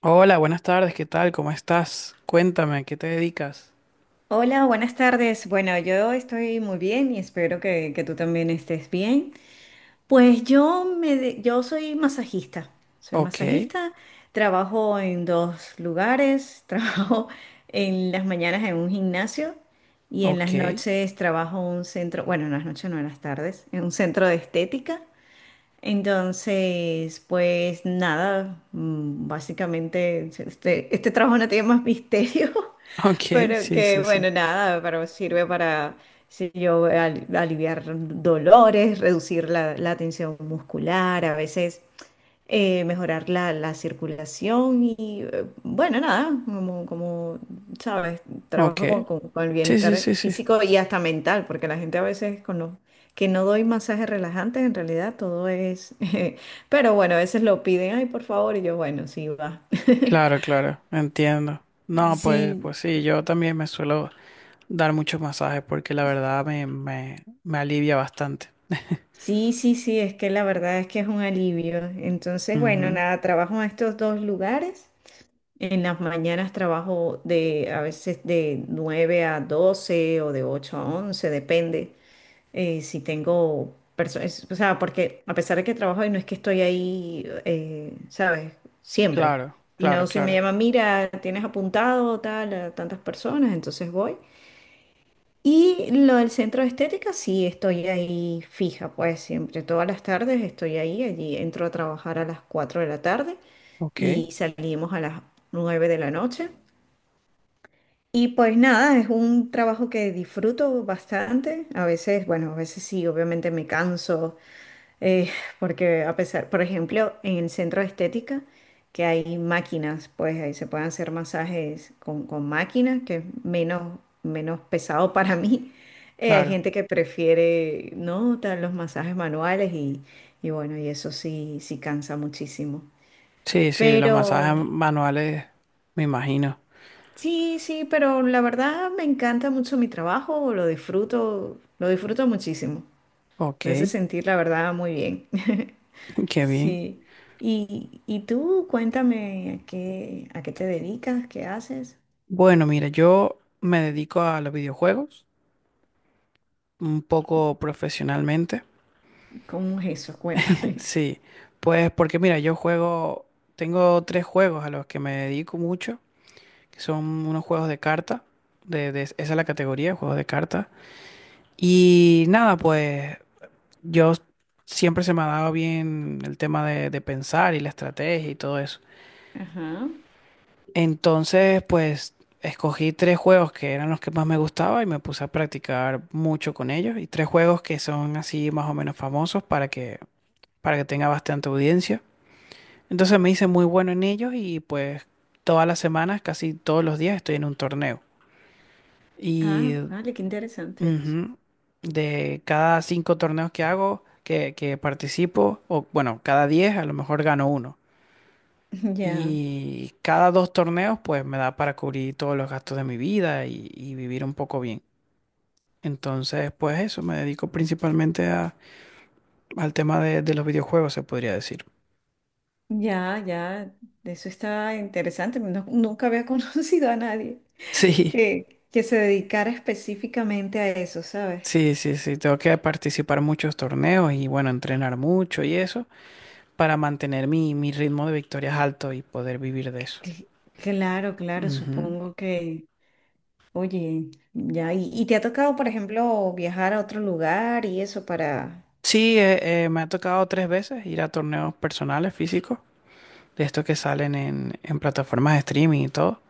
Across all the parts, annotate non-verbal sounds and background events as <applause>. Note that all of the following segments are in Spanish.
Hola, buenas tardes, ¿qué tal? ¿Cómo estás? Cuéntame, ¿a qué te dedicas? Hola, buenas tardes. Bueno, yo estoy muy bien y espero que tú también estés bien. Pues yo soy masajista. Soy Ok, masajista, trabajo en dos lugares, <laughs> trabajo en las mañanas en un gimnasio y en las ok, noches trabajo en un centro, bueno, en las noches no, en las tardes, en un centro de estética. Entonces, pues nada, básicamente este trabajo no tiene más misterio. <laughs> <laughs> ok, Pero sí, que sí, sí, bueno, nada, pero sirve para, si yo, aliviar dolores, reducir la tensión muscular, a veces mejorar la circulación y bueno, nada, como sabes, ok, trabajo con el sí, sí, bienestar sí, sí, físico y hasta mental, porque la gente a veces con los que no doy masajes relajantes, en realidad todo es, <laughs> pero bueno, a veces lo piden, ay, por favor, y yo, bueno, sí, va. <laughs> claro, claro, entiendo. No, pues, Sí, pues sí, yo también me suelo dar muchos masajes porque la verdad me alivia bastante. sí, sí, sí, es que la verdad es que es un alivio. Entonces, bueno, Ujú, nada, trabajo en estos dos lugares. En las mañanas trabajo de a veces de 9 a 12 o de 8 a 11, depende si tengo personas, o sea, porque a pesar de que trabajo y no es que estoy ahí, ¿sabes? Siempre. claro, Y claro, no, si me claro, llaman, mira, tienes apuntado tal a tantas personas, entonces voy. Y lo del centro de estética, sí, estoy ahí fija, pues siempre, todas las tardes estoy ahí, allí entro a trabajar a las 4 de la tarde ok, y salimos a las 9 de la noche. Y pues nada, es un trabajo que disfruto bastante. A veces, bueno, a veces sí, obviamente me canso, eh, porque a pesar, por ejemplo, en el centro de estética, que hay máquinas, pues ahí se pueden hacer masajes con máquinas, que es menos, menos pesado para mí. Hay claro, gente que prefiere, ¿no? Tal, los masajes manuales y bueno, y eso sí, sí cansa muchísimo. sí, sí, los masajes Pero manuales, me imagino, sí, sí, pero la verdad me encanta mucho mi trabajo, lo disfruto muchísimo. ok, Me hace sentir la verdad muy bien. <laughs> <laughs> qué bien. Sí. Y tú, cuéntame a qué te dedicas, qué haces, Bueno, mira, yo me dedico a los videojuegos, un poco profesionalmente. cómo es eso. <laughs> <laughs> Cuéntame. Sí, pues porque mira, yo juego, tengo tres juegos a los que me dedico mucho, que son unos juegos de carta, esa es la categoría, juegos de carta. Y nada, pues yo siempre se me ha dado bien el tema de pensar y la estrategia y todo eso. Ajá. Entonces, pues escogí tres juegos que eran los que más me gustaba y me puse a practicar mucho con ellos. Y tres juegos que son así más o menos famosos para que tenga bastante audiencia. Entonces me hice muy bueno en ellos y pues todas las semanas, casi todos los días estoy en un torneo. Ah, Y vale, qué interesante. ujú, de cada cinco torneos que hago, que participo, o bueno, cada diez a lo mejor gano uno. <laughs> Ya, Y cada dos torneos pues me da para cubrir todos los gastos de mi vida y vivir un poco bien. Entonces pues eso, me dedico principalmente al tema de los videojuegos, se podría decir. ya, ya. Eso está interesante. Nunca había <laughs> conocido a nadie <laughs> Sí. que se dedicara específicamente a eso, ¿sabes? Sí, sí, sí, tengo que participar en muchos torneos y bueno, entrenar mucho y eso para mantener mi, mi ritmo de victorias alto y poder vivir de eso. Cl- Claro, claro, Ujú. supongo que, oye, ya, y te ha tocado, por ejemplo, viajar a otro lugar y eso para. Sí, me ha tocado tres veces ir a torneos personales físicos, de estos que salen en plataformas de streaming y todo.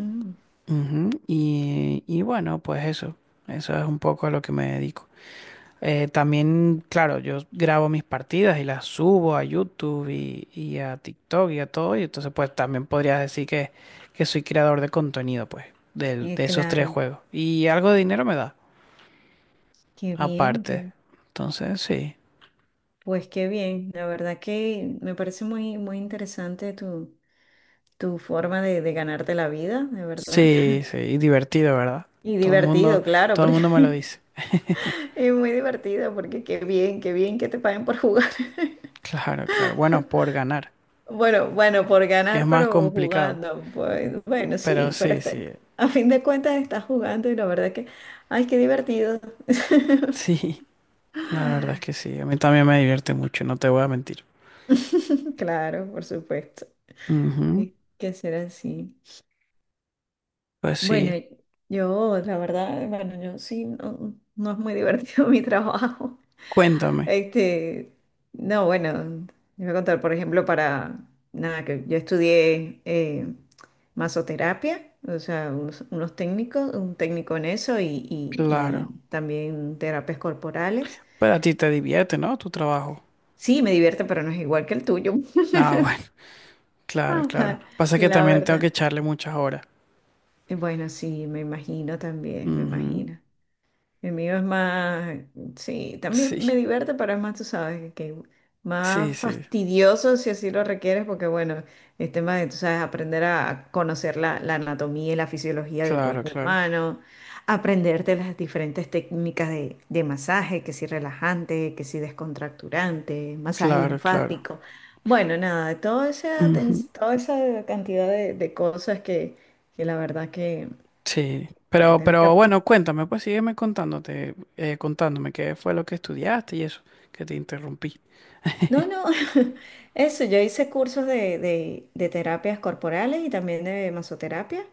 Mm, Ujú. Y bueno, pues eso es un poco a lo que me dedico. También, claro, yo grabo mis partidas y las subo a YouTube y a TikTok y a todo, y entonces pues también podrías decir que soy creador de contenido, pues, de, esos tres claro, juegos. Y algo de dinero me da, qué bien, aparte. Entonces, sí, pues qué bien, la verdad que me parece muy, muy interesante tu forma de ganarte la vida, de verdad. sí, <laughs> sí, y divertido, ¿verdad? Y Todo el mundo, divertido, claro, todo el porque mundo me lo <laughs> dice. es muy divertido, porque qué bien que te paguen por jugar. Claro, claro. Bueno, por ganar, Bueno, bueno, por que es ganar, más pero complicado, jugando, pues bueno, pero sí, pero sí, está, sí, a fin de cuentas estás jugando y la verdad que, ay, qué divertido. <laughs> sí, <laughs> la verdad es que sí, a mí también me divierte mucho, no te voy a mentir. Claro, por supuesto, Ujú. y que ser así. Pues Bueno, sí. yo, la verdad, bueno, yo sí, no, no es muy divertido <laughs> mi trabajo. Cuéntame, Este, no, bueno, les voy a contar, por ejemplo, para, nada, que yo estudié masoterapia, o sea, unos técnicos, un técnico en eso y claro. también terapias corporales. Pero a ti te divierte, ¿no? Tu trabajo. Sí, me divierte, pero no es igual que el tuyo. Ah, <laughs> bueno, claro, claro. <laughs> Pasa que La también tengo que verdad. echarle muchas horas. Y bueno, sí, me imagino también, me Ujú. imagino. El mío es más, sí, también me Sí, divierte, pero es más, tú sabes, que sí, más sí. fastidioso si así lo requieres, porque bueno, el tema de, tú sabes, aprender a conocer la anatomía y la fisiología del Claro, cuerpo claro. humano, aprenderte las diferentes técnicas de masaje, que si relajante, que si descontracturante, masaje Claro, claro. linfático. Bueno, nada, toda esa, ten- Ujú. toda esa cantidad de cosas que la verdad que, Sí. que tienes que Pero aprender. bueno, cuéntame, pues sígueme contándote, contándome qué fue lo que estudiaste y eso, que te interrumpí. No, no, <laughs> eso, yo hice cursos de terapias corporales y también de masoterapia.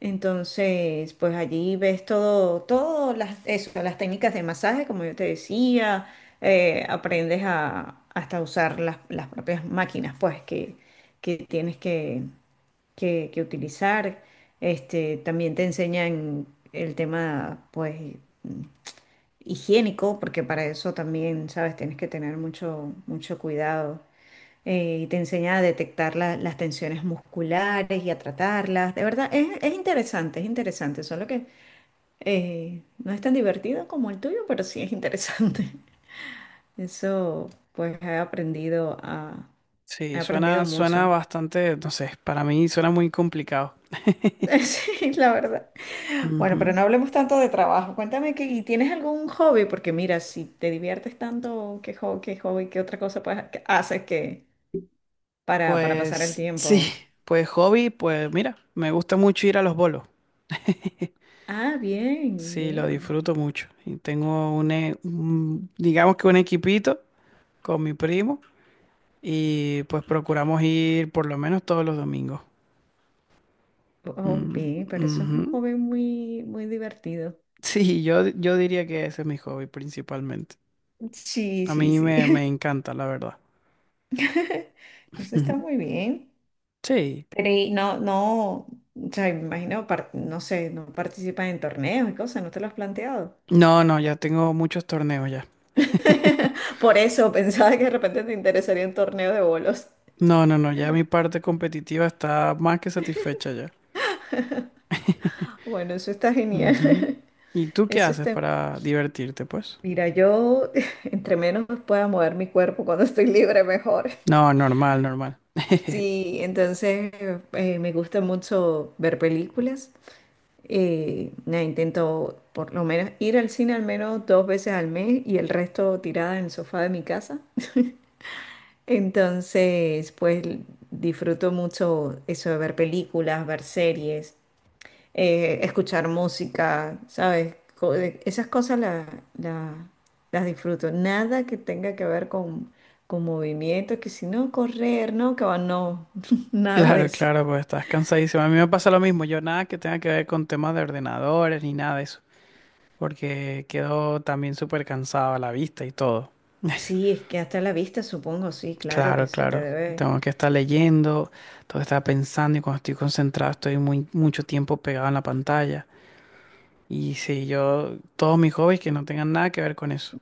Entonces, pues allí ves todo las, eso, las técnicas de masaje, como yo te decía, aprendes a hasta usar las propias máquinas, pues, que tienes que utilizar. Este, también te enseñan el tema, pues, higiénico, porque para eso también, sabes, tienes que tener mucho, mucho cuidado. Y te enseña a detectar las tensiones musculares y a tratarlas. De verdad, es interesante, es interesante, solo que no es tan divertido como el tuyo, pero sí es interesante. <laughs> Eso, pues he aprendido a, he Sí, suena, aprendido suena mucho. bastante, no sé, para mí suena muy complicado. <laughs> Sí, la verdad. Bueno, pero Ujú. no hablemos tanto de trabajo. Cuéntame, que ¿y tienes algún hobby? Porque mira, si te diviertes tanto, ¿qué hobby, qué otra cosa, pues, que haces para pasar el Pues sí, tiempo? pues hobby, pues mira, me gusta mucho ir a los bolos. Ah, bien, Sí, lo bien. disfruto mucho. Y tengo un, digamos que un equipito con mi primo y pues procuramos ir por lo menos todos los domingos. Oh, Mm, bien, pero eso es ujú. un <laughs> hobby muy, muy divertido. Sí, yo diría que ese es mi hobby principalmente. Sí, A sí, mí sí. me encanta, la verdad. <laughs> Eso está muy <laughs> bien. Sí. Pero y no, no, o sea, imagino, no sé, no participas en torneos y cosas, ¿no te lo has planteado? No, no, ya tengo muchos torneos ya. Por eso pensaba que de repente te interesaría un torneo de bolos. No, no, no, ya mi parte competitiva está más que satisfecha ya. <laughs> Bueno, eso está genial. Ujú. <laughs> ¿Y tú qué Eso haces está. para divertirte, pues? Mira, yo <laughs> entre menos pueda mover mi cuerpo cuando estoy libre, mejor. No, normal, normal. <laughs> Sí, entonces me gusta mucho ver películas. Nada, intento por lo menos ir al cine al menos dos veces al mes y el resto tirada en el sofá de mi casa. <laughs> Entonces, pues disfruto mucho eso de ver películas, ver series. Escuchar música, ¿sabes? Esas cosas las disfruto. Nada que tenga que ver con movimientos, que si no, correr, no, que va, no, <laughs> nada de Claro, eso. claro, pues estás cansadísimo. A mí me pasa lo mismo. Yo nada que tenga que ver con temas de ordenadores ni nada de eso, porque quedo también súper cansado a la vista y todo. Sí, es que hasta la vista, supongo, sí, claro que Claro, se te claro. debe. Tengo que estar leyendo, tengo que estar pensando y cuando estoy concentrado estoy muy mucho tiempo pegado en la pantalla. Y sí, yo todos mis hobbies que no tengan nada que ver con eso.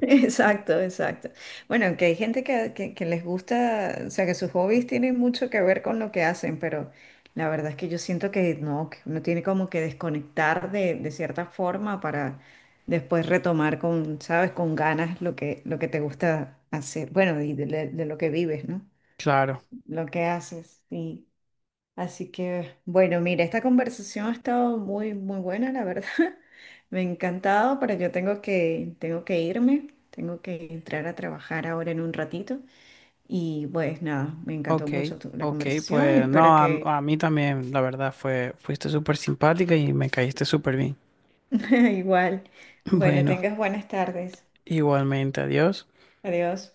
Exacto, exacto. Bueno, aunque hay gente que les gusta, o sea, que sus hobbies tienen mucho que ver con lo que hacen, pero la verdad es que yo siento que no, que uno tiene como que desconectar de cierta forma para después retomar con, sabes, con ganas lo que te gusta hacer, bueno, y de lo que vives, ¿no? Claro. Lo que haces, sí. Así que, bueno, mira, esta conversación ha estado muy, muy buena, la verdad. <laughs> Me ha encantado, pero yo tengo que irme, tengo que entrar a trabajar ahora en un ratito. Y pues nada, me encantó Ok, mucho la ok, conversación y pues espero no, que a mí también la verdad fue fuiste súper simpática y me caíste súper bien. <laughs> igual, <clears throat> <laughs> bueno, Bueno, tengas buenas tardes. igualmente, adiós. Adiós.